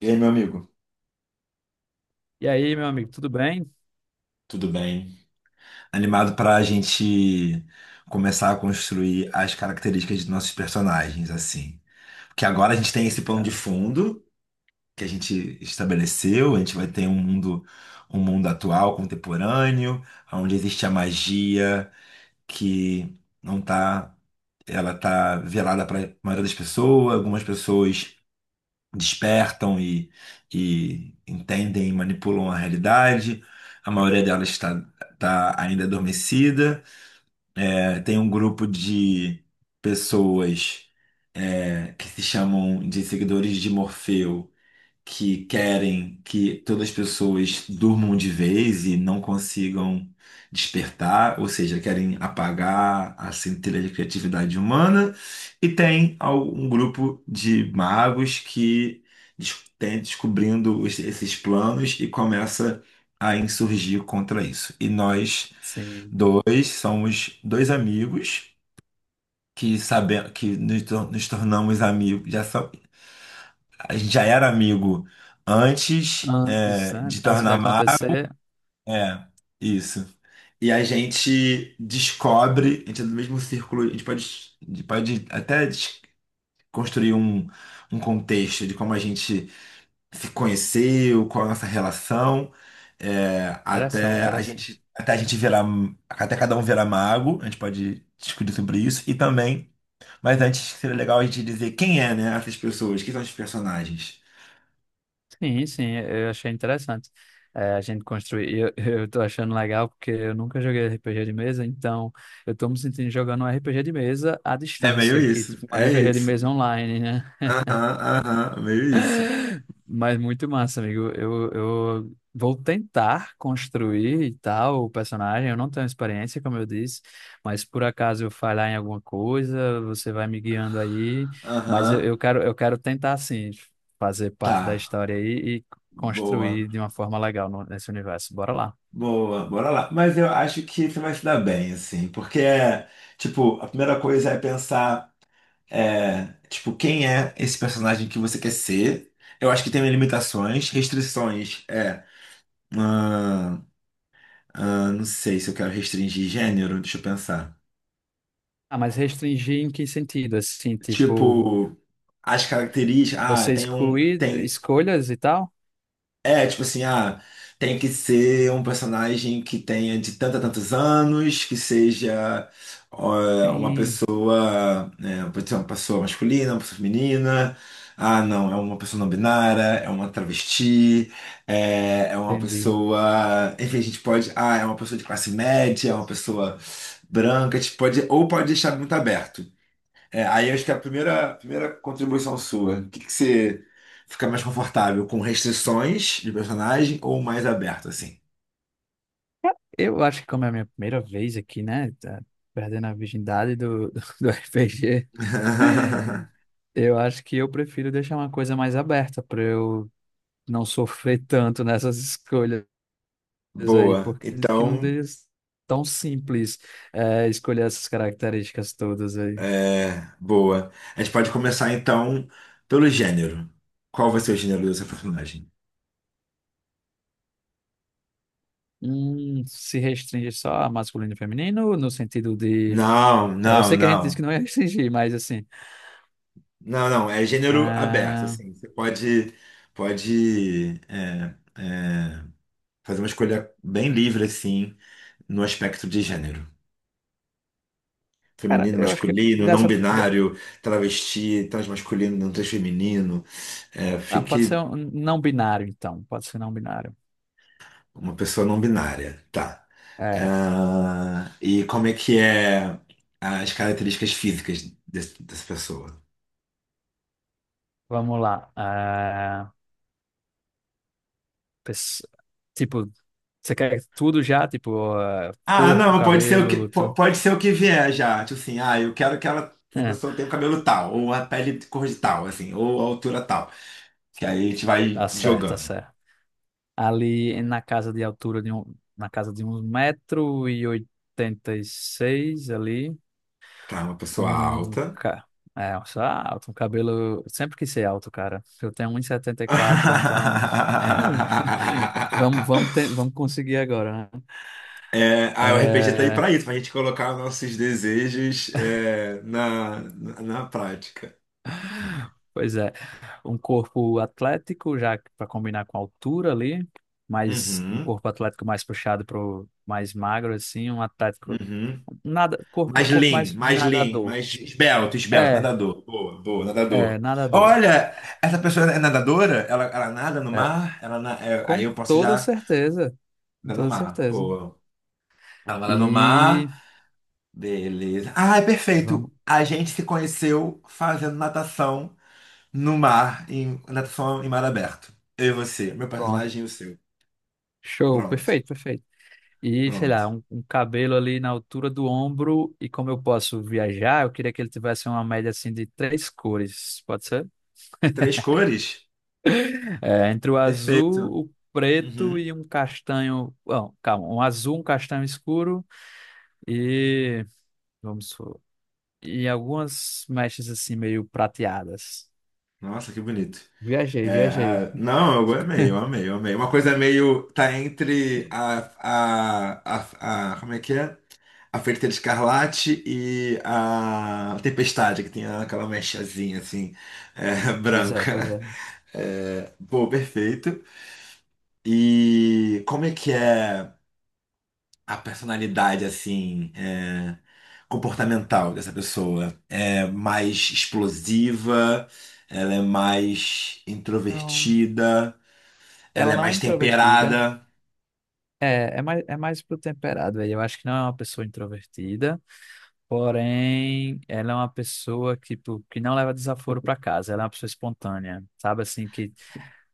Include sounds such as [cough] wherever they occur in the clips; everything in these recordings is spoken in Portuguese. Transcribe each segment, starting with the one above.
E aí, meu amigo, E aí, meu amigo, tudo bem? tudo bem? Animado para a gente começar a construir as características de nossos personagens, assim. Porque agora a gente tem esse plano de Cara, fundo que a gente estabeleceu, a gente vai ter um mundo atual, contemporâneo, onde existe a magia que não tá, ela tá velada para a maioria das pessoas. Algumas pessoas despertam e entendem e manipulam a realidade. A maioria delas está tá ainda adormecida. É, tem um grupo de pessoas é, que se chamam de seguidores de Morfeu, que querem que todas as pessoas durmam de vez e não consigam despertar, ou seja, querem apagar a centelha de criatividade humana, e tem um grupo de magos que tem descobrindo esses planos e começa a insurgir contra isso. E nós sim. dois somos dois amigos que sabemos que nos tornamos amigos, a gente já era amigo antes, Antes, é, né? de Antes de tornar mar. acontecer, É, isso. E a gente descobre, a gente é do mesmo círculo, a gente pode até construir um contexto de como a gente se conheceu, qual a nossa relação, é, interessante, interessante. Até cada um virar mago. A gente pode discutir sobre isso, e também, mas antes seria legal a gente dizer quem é, né, essas pessoas, quem são os personagens. Sim, sim, eu achei interessante. É, a gente construir. [laughs] Eu tô achando legal porque eu nunca joguei RPG de mesa, então eu tô me sentindo jogando um RPG de mesa à É meio distância, que isso. tipo um É RPG de isso. mesa online, né? Aham, aham, meio isso. Mas muito massa, amigo. Eu vou tentar construir e tal o personagem. Eu não tenho experiência, como eu disse, mas por acaso eu falhar em alguma coisa, você vai me guiando aí. Mas eu, Aham. eu quero, eu quero tentar, assim, fazer parte da Tá. história aí e Boa. construir de uma forma legal nesse universo. Bora lá. Boa. Bora lá. Mas eu acho que você vai se dar bem, assim. Porque, é, tipo, a primeira coisa é pensar, é, tipo, quem é esse personagem que você quer ser? Eu acho que tem limitações, restrições. É. ah, não sei se eu quero restringir gênero, deixa eu pensar. Ah, mas restringir em que sentido? Assim, tipo, Tipo, as características. Ah, você tem um. excluir Tem. escolhas e tal? É, tipo assim, tem que ser um personagem que tenha de tantos a tantos anos, que seja ó, uma Sim, pessoa, né, pode ser uma pessoa masculina, uma pessoa feminina. Ah, não, é uma pessoa não binária, é uma travesti, é uma entendi. pessoa. Enfim, a gente pode. Ah, é uma pessoa de classe média, é uma pessoa branca, a gente pode, ou pode deixar muito aberto. É, aí acho que é a primeira contribuição sua, o que, que você fica mais confortável, com restrições de personagem ou mais aberto, assim? Eu acho que como é a minha primeira vez aqui, né? Tá perdendo a virgindade do [laughs] do RPG, [laughs] eu acho que eu prefiro deixar uma coisa mais aberta para eu não sofrer tanto nessas escolhas aí, Boa. porque acredito que não Então, deixa tão simples escolher essas características todas aí. é, boa. A gente pode começar então pelo gênero. Qual vai ser o gênero do seu personagem? Se restringe só a masculino e feminino, no sentido de. Não, É, eu não, sei que a gente disse não. que não ia restringir, mas assim. Não, não. É gênero aberto, ah, assim. Você pode fazer uma escolha bem livre, assim, no aspecto de gênero. Cara, Feminino, eu acho que masculino, não dessa. binário, travesti, transmasculino, não transfeminino. É, Ah, pode ser fique um não binário, então. Pode ser não binário. uma pessoa não binária, tá? É, Ah, e como é que é as características físicas dessa pessoa? vamos lá. Ah, pes- tipo, você quer tudo já? Tipo, ah, Ah, corpo, não, pode ser o que, cabelo, tudo. pode ser o que vier já. Tipo assim, ah, eu quero que ela, essa É, pessoa tenha o cabelo tal, ou a pele de cor de tal, assim, ou a altura tal. Que aí a gente vai tá certo, tá jogando. certo. Ali na casa de altura de um, na casa de um metro e oitenta e seis ali, Tá, uma pessoa um alta. ca... É, eu sou alto, um cabelo... Sempre quis ser alto, cara. Eu tenho um e setenta e quatro, então... [laughs] [laughs] Vamos conseguir agora, né? É, ah, o G tá aí É, pra isso, pra gente colocar nossos desejos na prática. pois é, um corpo atlético, já para combinar com a altura ali, mas um Uhum, corpo atlético mais puxado para o mais magro, assim, um atlético, uhum. nada, corpo, um Mais corpo lean, mais de mais lean, nadador. mais esbelto, esbelto, É, nadador. Boa, boa, é, nadador. nadador. Olha, essa pessoa é nadadora? Ela nada no É, mar? É, com aí eu posso toda já certeza, com nadar no toda mar. certeza. Pô, ela nada no E mar, beleza. Ah, é vamos, perfeito. A gente se conheceu fazendo natação no mar, em natação em mar aberto. Eu e você, meu pronto, personagem e o seu. show, Pronto, perfeito, perfeito. E, sei pronto. lá, um cabelo ali na altura do ombro, e como eu posso viajar, eu queria que ele tivesse uma média, assim, de três cores, pode ser? Três cores? É, entre o Perfeito. azul, o Uhum. preto e um castanho. Não, calma, um azul, um castanho escuro e. Vamos supor, e algumas mechas assim meio prateadas. Nossa, que bonito. Viajei, É, viajei. Não, eu amei, eu amei, eu amei. Uma coisa meio. Tá entre como é que é? A Feiticeira Escarlate e a Tempestade, que tem aquela mechazinha assim, [laughs] Pois é, pois branca. é. É, pô, perfeito. E como é que é a personalidade, assim, é, comportamental dessa pessoa? É mais explosiva, ela é mais Não. introvertida, ela Ela é não é mais introvertida. temperada. É mais pro temperado aí. Eu acho que não é uma pessoa introvertida. Porém, ela é uma pessoa que, tipo, que não leva desaforo pra casa. Ela é uma pessoa espontânea, sabe? Assim, que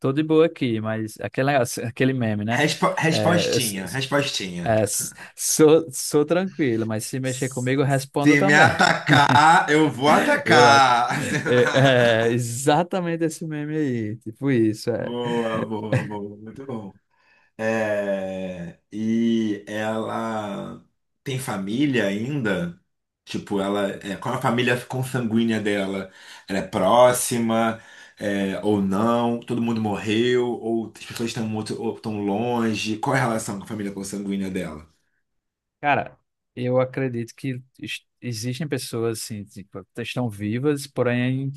tô de boa aqui, mas aquele meme, né? É, s- Respostinha, s- respostinha. Sou, sou tranquilo, mas se mexer comigo, eu respondo Se me também. atacar, eu vou [laughs] Eu, a- atacar. é, é, [laughs] exatamente esse meme aí, tipo isso, é. Boa, boa, boa, muito bom. É, e ela tem família ainda, tipo, qual é a família consanguínea dela? Ela é próxima, ou não? Todo mundo morreu, ou as pessoas estão muito, ou estão longe? Qual é a relação com a família consanguínea dela? Cara, eu acredito que existem pessoas assim, tipo, estão vivas, porém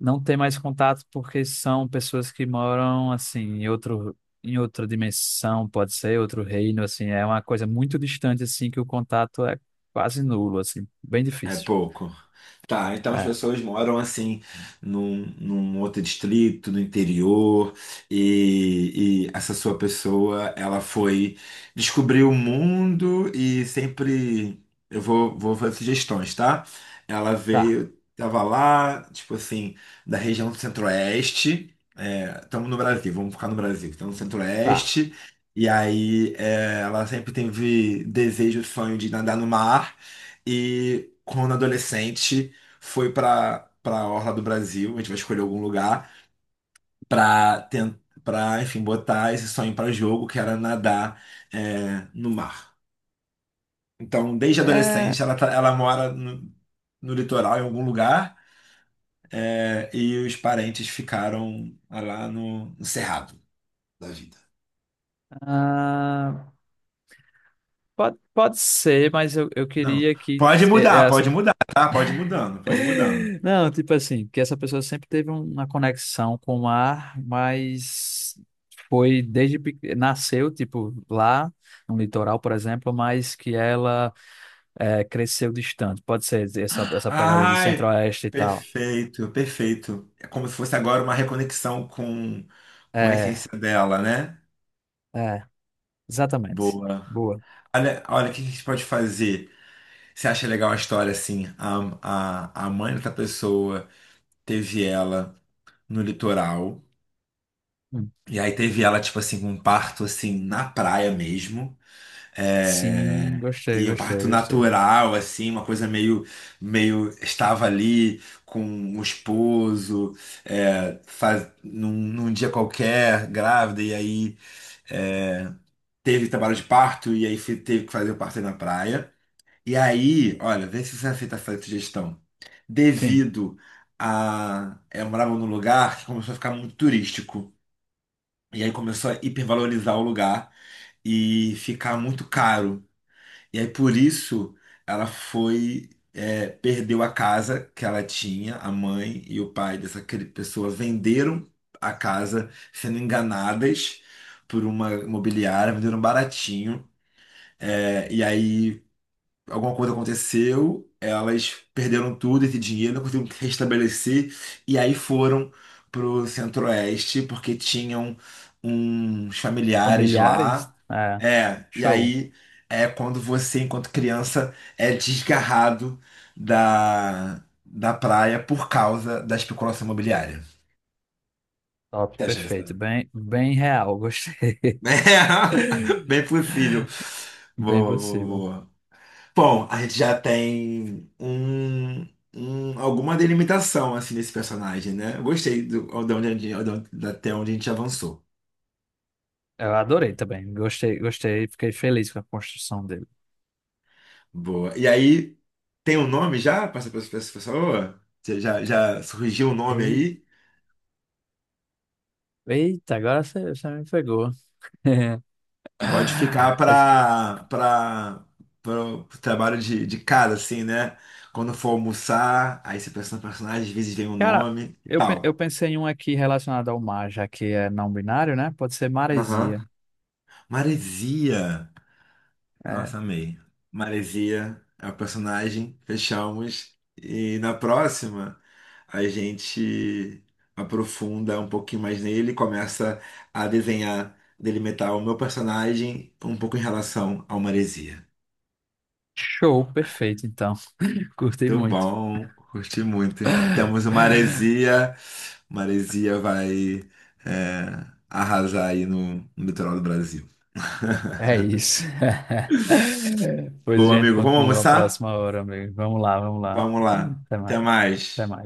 não ter mais contato porque são pessoas que moram assim em outro em outra dimensão, pode ser outro reino, assim, é uma coisa muito distante assim que o contato é quase nulo, assim, bem É difícil. pouco. Tá, então as É, pessoas moram assim num outro distrito, no interior, e essa sua pessoa, ela foi descobrir o mundo, e sempre eu vou fazer sugestões, tá? Ela tá, veio, tava lá, tipo assim, da região do Centro-Oeste. Estamos no Brasil, vamos ficar no Brasil. Estamos no tá. Centro-Oeste. E aí, ela sempre teve desejo, sonho de nadar no mar. E quando adolescente, foi para Orla do Brasil. A gente vai escolher algum lugar para tentar, para, enfim, botar esse sonho pra jogo, que era nadar no mar. Então, desde adolescente, É, ela mora no litoral, em algum lugar, e os parentes ficaram lá no cerrado da vida. ah, pode, pode ser, mas eu Não, queria que eh, pode essa mudar, tá? Pode ir mudando, pode ir mudando. [laughs] não, tipo assim, que essa pessoa sempre teve uma conexão com o mar, mas foi desde pequena, nasceu tipo lá no litoral, por exemplo, mas que ela é, cresceu distante. Pode ser essa, essa pegada de Ai, centro-oeste e tal. perfeito, perfeito. É como se fosse agora uma reconexão com a É, essência dela, né? é, exatamente. Boa. Boa. Olha, olha, o que a gente pode fazer? Você acha legal a história assim? A mãe da pessoa teve ela no litoral, Hum. e aí teve ela, tipo assim, com um parto assim na praia mesmo. Sim, É, gostei, e um parto gostei, gostei. natural, assim, uma coisa meio estava ali com o esposo, é, faz, num dia qualquer, grávida, e aí é, teve trabalho de parto, e aí teve que fazer o parto aí na praia. E aí, olha, vê se você aceita essa sugestão. Sim, Devido Eu morava num lugar que começou a ficar muito turístico, e aí começou a hipervalorizar o lugar e ficar muito caro. E aí por isso ela foi, perdeu a casa que ela tinha, a mãe e o pai dessa pessoa venderam a casa sendo enganadas por uma imobiliária, venderam baratinho. É, e aí alguma coisa aconteceu, elas perderam tudo, esse dinheiro, não conseguiram se restabelecer, e aí foram pro Centro-Oeste, porque tinham uns familiares familiares? lá. É, É, e show. aí é quando você, enquanto criança, é desgarrado da praia por causa da especulação imobiliária. O Top, que acha dessa? perfeito. [laughs] Bem, bem real, gostei. [laughs] É, bem possível. Bem Boa, boa, possível. boa. Bom, a gente já tem alguma delimitação assim desse personagem, né? Eu gostei do, de onde, a gente- de onde- até onde a gente avançou. Eu adorei também. Gostei, gostei. Fiquei feliz com a construção dele. Boa. E aí, tem um nome já para essa pra essa pessoa? Você já surgiu o um nome Ei- aí? Eita, agora você, você me pegou. [laughs] Pode ficar Mas, para o trabalho de casa, assim, né? Quando for almoçar, aí você pensa no personagem, às vezes vem o cara, nome e eu, eu tal. pensei em um aqui relacionado ao mar, já que é não binário, né? Pode ser Aham. maresia. Maresia. Nossa, É. amei. Maresia é o personagem, fechamos. E na próxima, a gente aprofunda um pouquinho mais nele, começa a desenhar, delimitar o meu personagem um pouco em relação ao Maresia. Show, perfeito, então. [laughs] Curti Muito muito. bom, curti muito. Temos o Maresia. Maresia vai, arrasar aí no litoral do Brasil. [laughs] É isso. [laughs] Pois a Bom, gente amigo, vamos continua a almoçar? próxima hora, amigo. Vamos lá, vamos lá. Vamos lá. Até Até mais. mais. Até mais.